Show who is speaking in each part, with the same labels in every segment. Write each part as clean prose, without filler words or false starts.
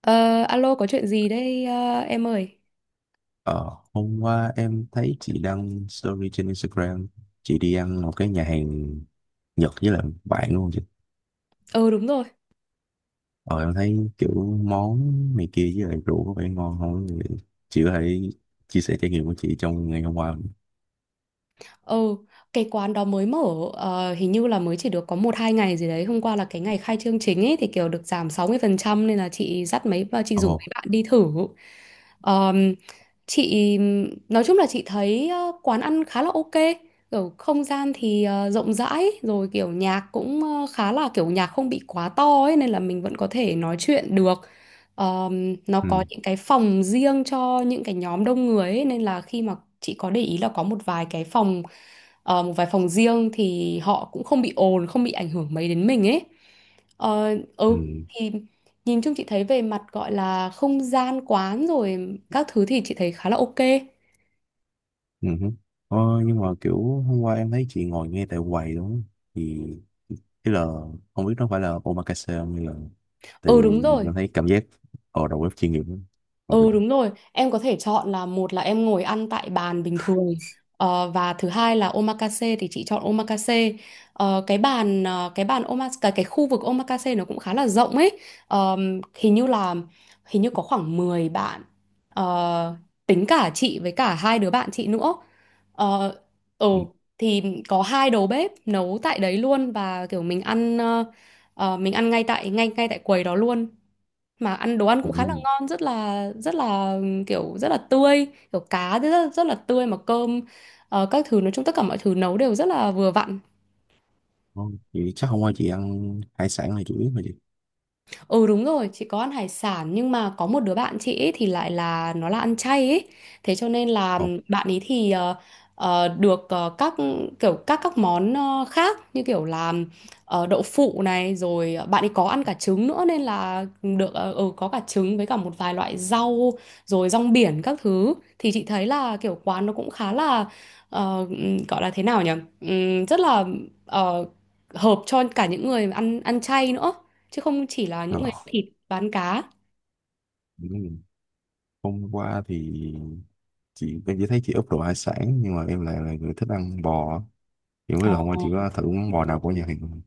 Speaker 1: Ờ, Alo có chuyện gì đây em ơi?
Speaker 2: Ờ, hôm qua em thấy chị đăng story trên Instagram, chị đi ăn một cái nhà hàng Nhật với lại bạn luôn chị.
Speaker 1: Ừ, đúng rồi.
Speaker 2: Ờ em thấy kiểu món này kia với lại rượu có vẻ ngon không? Thì chị có thể chia sẻ trải nghiệm của chị trong ngày hôm qua không?
Speaker 1: Ừ, cái quán đó mới mở, hình như là mới chỉ được có một hai ngày gì đấy. Hôm qua là cái ngày khai trương chính ấy thì kiểu được giảm 60% nên là chị rủ
Speaker 2: Ồ.
Speaker 1: mấy bạn đi thử. Ờm, chị nói chung là chị thấy quán ăn khá là ok. Kiểu không gian thì rộng rãi, rồi kiểu nhạc cũng khá là kiểu nhạc không bị quá to ấy, nên là mình vẫn có thể nói chuyện được. Nó có
Speaker 2: Ừ.
Speaker 1: những cái phòng riêng cho những cái nhóm đông người ấy, nên là khi mà chị có để ý là có một vài phòng riêng thì họ cũng không bị ồn, không bị ảnh hưởng mấy đến mình ấy. Ờ,
Speaker 2: Ừ.
Speaker 1: ừ thì nhìn chung chị thấy về mặt gọi là không gian quán rồi các thứ thì chị thấy khá là ok.
Speaker 2: Ừ hứ. ờ, nhưng mà kiểu hôm qua em thấy chị ngồi ngay tại quầy đúng không, thì tức là không biết nó phải là omakase không hay là, tại
Speaker 1: ừ
Speaker 2: vì
Speaker 1: đúng rồi
Speaker 2: em thấy cảm giác ở đầu bếp chuyên nghiệp lắm. Ừ.
Speaker 1: Ừ đúng rồi, em có thể chọn là, một là em ngồi ăn tại bàn bình thường, và thứ hai là omakase, thì chị chọn omakase. Cái bàn omakase, cái khu vực omakase nó cũng khá là rộng ấy. Hình như có khoảng 10 bạn, Ờ, tính cả chị với cả hai đứa bạn chị nữa. Ờ ừ
Speaker 2: Ừ.
Speaker 1: thì có hai đầu bếp nấu tại đấy luôn, và kiểu mình ăn ngay tại quầy đó luôn, mà ăn đồ ăn cũng khá là
Speaker 2: Ừ.
Speaker 1: ngon, rất là kiểu rất là tươi, kiểu cá thì rất, rất là tươi, mà cơm các thứ, nói chung tất cả mọi thứ nấu đều rất là vừa vặn.
Speaker 2: Không, chị chắc hôm qua chị ăn hải sản là chủ yếu mà chị.
Speaker 1: Ừ đúng rồi, chị có ăn hải sản, nhưng mà có một đứa bạn chị ấy thì lại là nó là ăn chay ấy. Thế cho nên là
Speaker 2: Ồ.
Speaker 1: bạn ấy thì được các món khác, như kiểu là đậu phụ này, rồi bạn ấy có ăn cả trứng nữa, nên là được có cả trứng với cả một vài loại rau rồi rong biển các thứ. Thì chị thấy là kiểu quán nó cũng khá là, gọi là thế nào nhỉ? Rất là ờ, hợp cho cả những người ăn ăn chay nữa, chứ không chỉ là những
Speaker 2: Rồi.
Speaker 1: người thịt bán cá.
Speaker 2: Ừm, hôm qua thì chị em chỉ thấy chị úp đồ hải sản nhưng mà em lại là người thích ăn bò, thì không biết là hôm qua chị có thử món bò nào của nhà hàng không?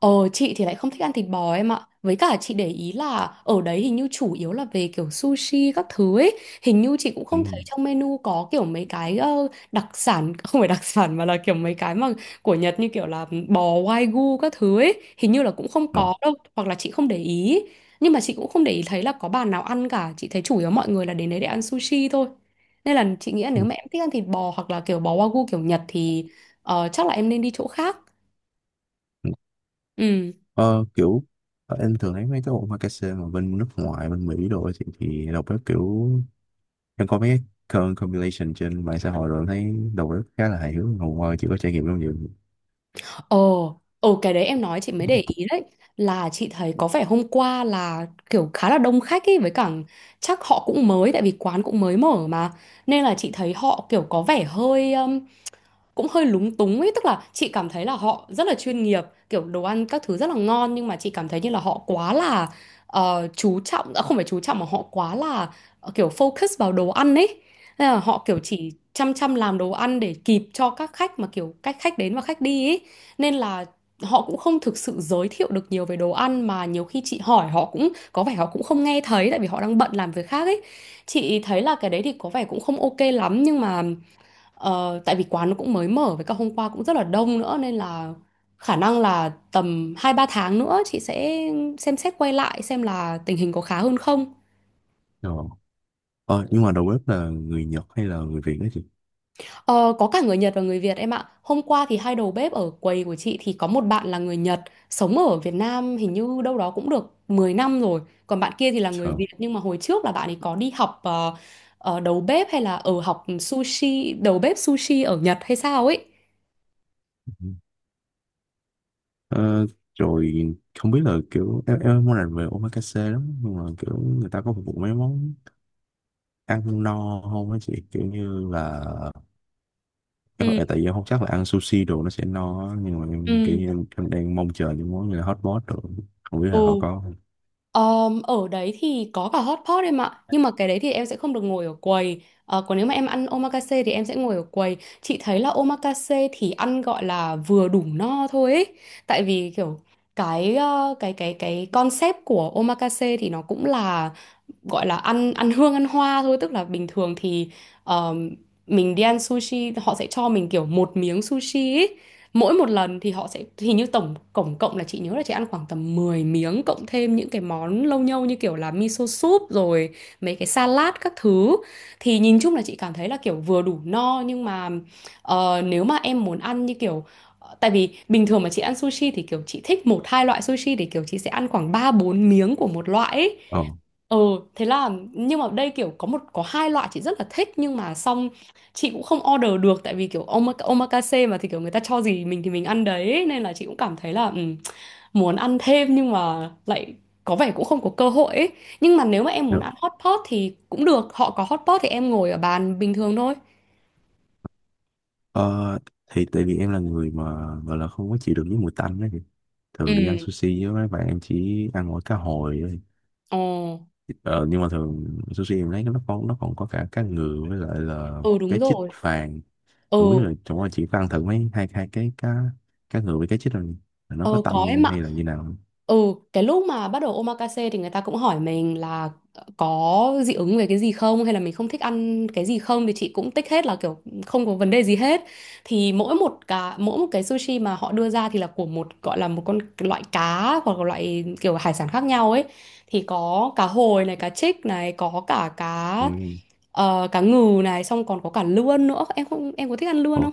Speaker 1: Ờ, chị thì lại không thích ăn thịt bò em ạ. Với cả chị để ý là ở đấy hình như chủ yếu là về kiểu sushi các thứ ấy. Hình như chị cũng không thấy
Speaker 2: Ừm.
Speaker 1: trong menu có kiểu mấy cái đặc sản, không phải đặc sản, mà là kiểu mấy cái mà của Nhật, như kiểu là bò wagyu các thứ ấy. Hình như là cũng không
Speaker 2: Rồi.
Speaker 1: có đâu, hoặc là chị không để ý. Nhưng mà chị cũng không để ý thấy là có bàn nào ăn cả. Chị thấy chủ yếu mọi người là đến đấy để ăn sushi thôi. Nên là chị nghĩ là nếu
Speaker 2: Ừm,
Speaker 1: mà em thích ăn thịt bò, hoặc là kiểu bò wagyu kiểu Nhật, thì chắc là em nên đi chỗ khác. Ừ.
Speaker 2: ờ, kiểu em thường thấy mấy cái omakase mà bên nước ngoài bên Mỹ đồ ấy thì, đầu bếp kiểu, em có mấy cái compilation trên mạng xã hội, rồi em thấy đầu bếp khá là hài hước, hôm qua chị có trải nghiệm không vậy?
Speaker 1: Ồ, cái đấy em nói chị mới để ý đấy, là chị thấy có vẻ hôm qua là kiểu khá là đông khách ấy, với cả chắc họ cũng mới, tại vì quán cũng mới mở mà, nên là chị thấy họ kiểu có vẻ hơi cũng hơi lúng túng ấy. Tức là chị cảm thấy là họ rất là chuyên nghiệp, kiểu đồ ăn các thứ rất là ngon, nhưng mà chị cảm thấy như là họ quá là chú trọng, à, không phải chú trọng, mà họ quá là kiểu focus vào đồ ăn ấy. Nên là họ kiểu chỉ chăm chăm làm đồ ăn để kịp cho các khách, mà kiểu cách khách đến và khách đi ấy, nên là họ cũng không thực sự giới thiệu được nhiều về đồ ăn, mà nhiều khi chị hỏi họ cũng có vẻ họ cũng không nghe thấy, tại vì họ đang bận làm việc khác ấy. Chị thấy là cái đấy thì có vẻ cũng không ok lắm, nhưng mà tại vì quán nó cũng mới mở, với cả hôm qua cũng rất là đông nữa, nên là khả năng là tầm 2 3 tháng nữa chị sẽ xem xét quay lại, xem là tình hình có khá hơn không.
Speaker 2: Ờ. Ờ, nhưng mà đầu bếp là người Nhật hay là người Việt đó chị?
Speaker 1: Ờ, có cả người Nhật và người Việt em ạ. Hôm qua thì hai đầu bếp ở quầy của chị thì có một bạn là người Nhật, sống ở Việt Nam hình như đâu đó cũng được 10 năm rồi. Còn bạn kia thì là người
Speaker 2: Ờ.
Speaker 1: Việt, nhưng mà hồi trước là bạn ấy có đi học đầu bếp, hay là ở học sushi, đầu bếp sushi ở Nhật hay sao ấy.
Speaker 2: Ờ, Rồi, không biết là kiểu em món này về omakase lắm nhưng mà kiểu người ta có phục vụ mấy món ăn no không á chị, kiểu như là
Speaker 1: Ừ,
Speaker 2: tại vì em không chắc là ăn sushi đồ nó sẽ no á, nhưng mà em kiểu
Speaker 1: ừ,
Speaker 2: như em đang mong chờ những món như là hot pot đồ, không biết là họ
Speaker 1: ừ.
Speaker 2: có không.
Speaker 1: Ở đấy thì có cả hot pot em ạ. Nhưng mà cái đấy thì em sẽ không được ngồi ở quầy. Còn nếu mà em ăn omakase thì em sẽ ngồi ở quầy. Chị thấy là omakase thì ăn gọi là vừa đủ no thôi ấy. Tại vì kiểu cái ờ, cái concept của omakase thì nó cũng là gọi là ăn ăn hương ăn hoa thôi, tức là bình thường thì ờm, mình đi ăn sushi họ sẽ cho mình kiểu một miếng sushi ấy. Mỗi một lần thì họ sẽ, hình như tổng tổng cộng là, chị nhớ là chị ăn khoảng tầm 10 miếng, cộng thêm những cái món lâu nhâu như kiểu là miso soup rồi mấy cái salad các thứ. Thì nhìn chung là chị cảm thấy là kiểu vừa đủ no, nhưng mà nếu mà em muốn ăn như kiểu, tại vì bình thường mà chị ăn sushi thì kiểu chị thích một hai loại sushi, thì kiểu chị sẽ ăn khoảng 3 4 miếng của một loại ấy.
Speaker 2: Ờ.
Speaker 1: Ừ, thế là, nhưng mà đây kiểu có hai loại chị rất là thích, nhưng mà xong chị cũng không order được, tại vì kiểu omakase mà thì kiểu người ta cho gì mình thì mình ăn đấy, nên là chị cũng cảm thấy là, muốn ăn thêm nhưng mà lại có vẻ cũng không có cơ hội ấy. Nhưng mà nếu mà em
Speaker 2: Dạ.
Speaker 1: muốn ăn hot pot thì cũng được, họ có hot pot thì em ngồi ở bàn bình thường thôi.
Speaker 2: Ờ, thì tại vì em là người mà gọi là không có chịu được với mùi tanh đó, thì
Speaker 1: Ừ,
Speaker 2: thường đi ăn sushi với mấy bạn em chỉ ăn mỗi cá hồi.
Speaker 1: ồ,
Speaker 2: Ờ, nhưng mà thường sushi em thấy nó còn có cả cá ngừ với lại là
Speaker 1: ừ
Speaker 2: cá
Speaker 1: đúng
Speaker 2: chích
Speaker 1: rồi.
Speaker 2: vàng, không biết
Speaker 1: Ừ,
Speaker 2: là chỗ anh chị có ăn thử mấy hai hai cái cá cá ngừ với cá chích rồi, là nó có
Speaker 1: Ờ có
Speaker 2: tanh
Speaker 1: em ạ.
Speaker 2: hay là như nào không?
Speaker 1: Ừ, cái lúc mà bắt đầu omakase thì người ta cũng hỏi mình là có dị ứng về cái gì không, hay là mình không thích ăn cái gì không, thì chị cũng tích hết là kiểu không có vấn đề gì hết. Thì mỗi một cá, mỗi một cái sushi mà họ đưa ra thì là của một, gọi là một con loại cá, hoặc là loại kiểu hải sản khác nhau ấy. Thì có cá hồi này, cá trích này, có cả
Speaker 2: Ừ.
Speaker 1: cá ngừ này, xong còn có cả lươn nữa. Em không, em có thích ăn lươn
Speaker 2: Ồ,
Speaker 1: không?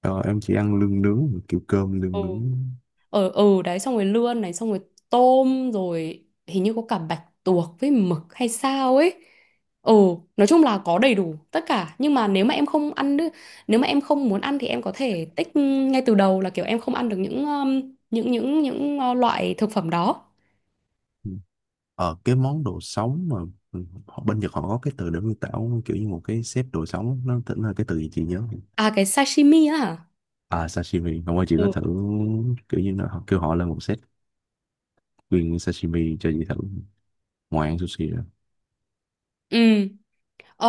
Speaker 2: ờ, em chỉ ăn lương nướng kiểu cơm
Speaker 1: ừ
Speaker 2: lương nướng.
Speaker 1: ở đấy, xong rồi lươn này, xong rồi tôm, rồi hình như có cả bạch tuộc với mực hay sao ấy. Ừ, nói chung là có đầy đủ tất cả, nhưng mà nếu mà em không ăn đ-, nếu mà em không muốn ăn thì em có thể tích ngay từ đầu là kiểu em không ăn được những loại thực phẩm đó.
Speaker 2: Ừ. Ờ, cái món đồ sống mà, ừ, họ- bên Nhật họ có cái từ để miêu tả kiểu như một cái xếp đồ sống, nó tính là cái từ gì chị nhớ không?
Speaker 1: À, cái sashimi á hả.
Speaker 2: À sashimi không, qua chị
Speaker 1: Ừ,
Speaker 2: có thử kiểu như nó, họ kêu họ lên một set nguyên sashimi cho chị thử ngoài ăn sushi.
Speaker 1: ừ. Ờ,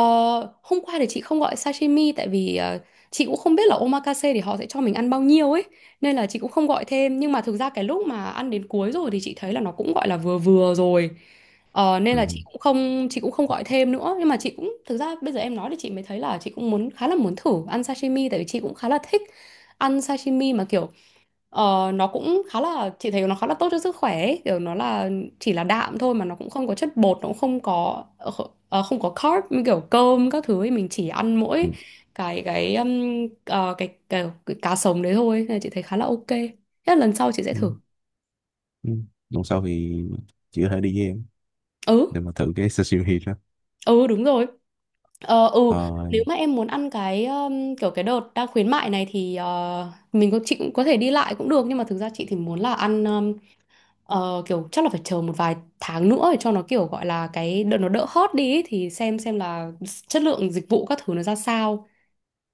Speaker 1: Hôm qua thì chị không gọi sashimi, tại vì chị cũng không biết là omakase thì họ sẽ cho mình ăn bao nhiêu ấy, nên là chị cũng không gọi thêm. Nhưng mà thực ra cái lúc mà ăn đến cuối rồi thì chị thấy là nó cũng gọi là vừa vừa rồi. Nên
Speaker 2: ừ,
Speaker 1: là chị cũng không, chị cũng không gọi thêm nữa, nhưng mà chị cũng, thực ra bây giờ em nói thì chị mới thấy là chị cũng muốn, khá là muốn thử ăn sashimi, tại vì chị cũng khá là thích ăn sashimi mà kiểu. Nó cũng khá là Chị thấy nó khá là tốt cho sức khỏe ấy. Kiểu nó là chỉ là đạm thôi, mà nó cũng không có chất bột, nó cũng không có ờ, kh- ờ, không có carb như kiểu cơm các thứ ấy. Mình chỉ ăn
Speaker 2: ừ,
Speaker 1: mỗi cái cái cá sống đấy thôi, nên là chị thấy khá là ok. Thế là lần sau chị sẽ
Speaker 2: ừ,
Speaker 1: thử.
Speaker 2: ừ. Lần sau thì chị có thể đi với em
Speaker 1: Ừ.
Speaker 2: để mà thử cái sashimi đó.
Speaker 1: Ừ, đúng rồi. Ờ, ừ.
Speaker 2: Ờ,
Speaker 1: Nếu mà em muốn ăn cái kiểu cái đợt đang khuyến mại này thì mình có chị cũng có thể đi lại cũng được, nhưng mà thực ra chị thì muốn là ăn. Kiểu chắc là phải chờ một vài tháng nữa để cho nó kiểu gọi là cái đợt nó đỡ hot đi ấy, thì xem là chất lượng dịch vụ các thứ nó ra sao,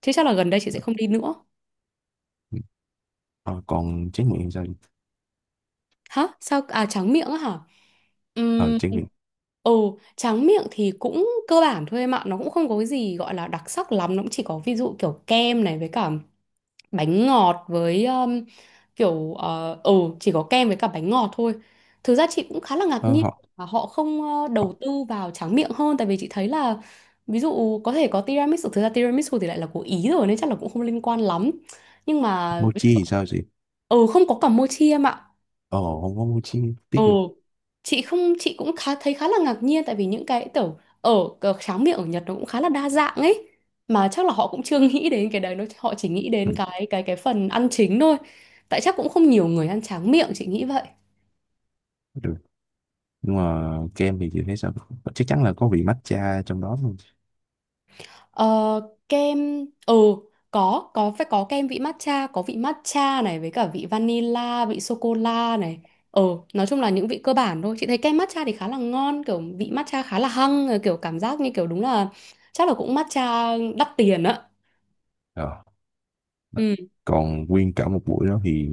Speaker 1: chứ chắc là gần đây chị sẽ không đi nữa.
Speaker 2: ừ. Ờ, còn tráng miệng thì sao chị?
Speaker 1: Hả? Sao à? Tráng miệng á hả?
Speaker 2: Ờ
Speaker 1: Ừm.
Speaker 2: tráng miệng.
Speaker 1: Ừ, tráng miệng thì cũng cơ bản thôi em ạ, nó cũng không có cái gì gọi là đặc sắc lắm, nó cũng chỉ có ví dụ kiểu kem này với cả bánh ngọt với kiểu ừ, chỉ có kem với cả bánh ngọt thôi. Thực ra chị cũng khá là ngạc
Speaker 2: Ờ,
Speaker 1: nhiên
Speaker 2: họ,
Speaker 1: mà họ không
Speaker 2: họ
Speaker 1: đầu tư vào tráng miệng hơn. Tại vì chị thấy là ví dụ có thể có tiramisu, thực ra tiramisu thì lại là của Ý rồi nên chắc là cũng không liên quan lắm, nhưng mà
Speaker 2: Mochi thì sao chị?
Speaker 1: ừ, không có cả mochi em ạ.
Speaker 2: Ờ không có mochi, tiếc gì.
Speaker 1: Ồ, chị không chị cũng khá thấy khá là ngạc nhiên, tại vì những cái kiểu ở tráng miệng ở Nhật nó cũng khá là đa dạng ấy, mà chắc là họ cũng chưa nghĩ đến cái đấy, nó họ chỉ nghĩ
Speaker 2: ừ,
Speaker 1: đến cái phần ăn chính thôi, tại chắc cũng không nhiều người ăn tráng miệng, chị nghĩ vậy.
Speaker 2: Được, nhưng mà kem thì chị thấy sao? Ờ, chắc chắn là có vị matcha trong đó luôn.
Speaker 1: Ờ, Kem, ừ, có phải có kem vị matcha, có vị matcha này với cả vị vanilla, vị sô cô la này. Ừ, nói chung là những vị cơ bản thôi, chị thấy kem matcha thì khá là ngon, kiểu vị matcha khá là hăng, kiểu cảm giác như kiểu đúng là chắc là cũng matcha đắt tiền á.
Speaker 2: Ờ.
Speaker 1: Ừ.
Speaker 2: Còn nguyên cả một buổi đó thì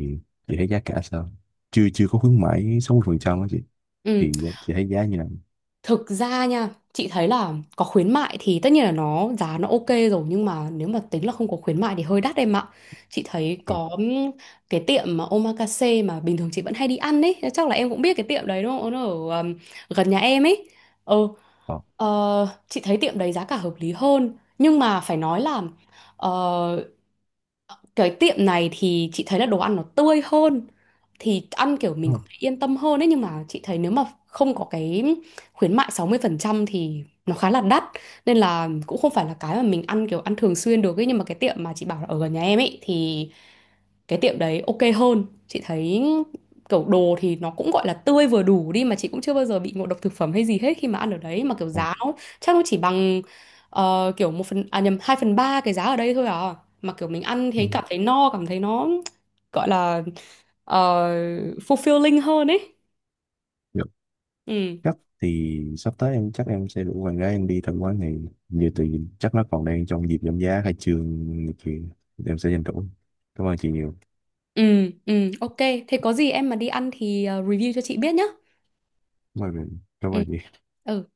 Speaker 2: chị thấy giá cả sao, chưa chưa có khuyến mãi 60% đó chị,
Speaker 1: Ừ.
Speaker 2: thì chị thấy giá như là?
Speaker 1: Thực ra nha, chị thấy là có khuyến mại thì tất nhiên là nó giá nó ok rồi, nhưng mà nếu mà tính là không có khuyến mại thì hơi đắt em ạ. Chị thấy
Speaker 2: ờ
Speaker 1: có cái tiệm mà omakase mà bình thường chị vẫn hay đi ăn ấy, chắc là em cũng biết cái tiệm đấy đúng không? Nó ở gần nhà em ấy. Ừ,
Speaker 2: ờ
Speaker 1: ờ, chị thấy tiệm đấy giá cả hợp lý hơn, nhưng mà phải nói là ờ, cái tiệm này thì chị thấy là đồ ăn nó tươi hơn, thì ăn kiểu
Speaker 2: ờ,
Speaker 1: mình cũng yên tâm hơn ấy. Nhưng mà chị thấy nếu mà không có cái khuyến mại 60% thì nó khá là đắt, nên là cũng không phải là cái mà mình ăn kiểu ăn thường xuyên được ấy. Nhưng mà cái tiệm mà chị bảo là ở gần nhà em ấy thì cái tiệm đấy ok hơn, chị thấy kiểu đồ thì nó cũng gọi là tươi vừa đủ đi, mà chị cũng chưa bao giờ bị ngộ độc thực phẩm hay gì hết khi mà ăn ở đấy, mà kiểu
Speaker 2: ờ,
Speaker 1: giá nó chắc nó chỉ bằng kiểu một phần à nhầm 2/3 cái giá ở đây thôi à, mà kiểu mình ăn thấy
Speaker 2: ờ.
Speaker 1: cảm thấy no, cảm thấy nó gọi là ờ, fulfilling hơn ấy.
Speaker 2: Dạ.
Speaker 1: Ừ.
Speaker 2: Chắc thì sắp tới em chắc em sẽ rủ bạn gái em đi tham quan này, như tự nhiên chắc nó còn đang trong dịp giảm giá khai trương này kia, em sẽ tranh thủ. Cảm ơn chị nhiều.
Speaker 1: Ừ. Ừ, ok, thế có gì em mà đi ăn thì review cho chị biết nhá.
Speaker 2: Cảm
Speaker 1: Ừ.
Speaker 2: ơn chị.
Speaker 1: Ừ.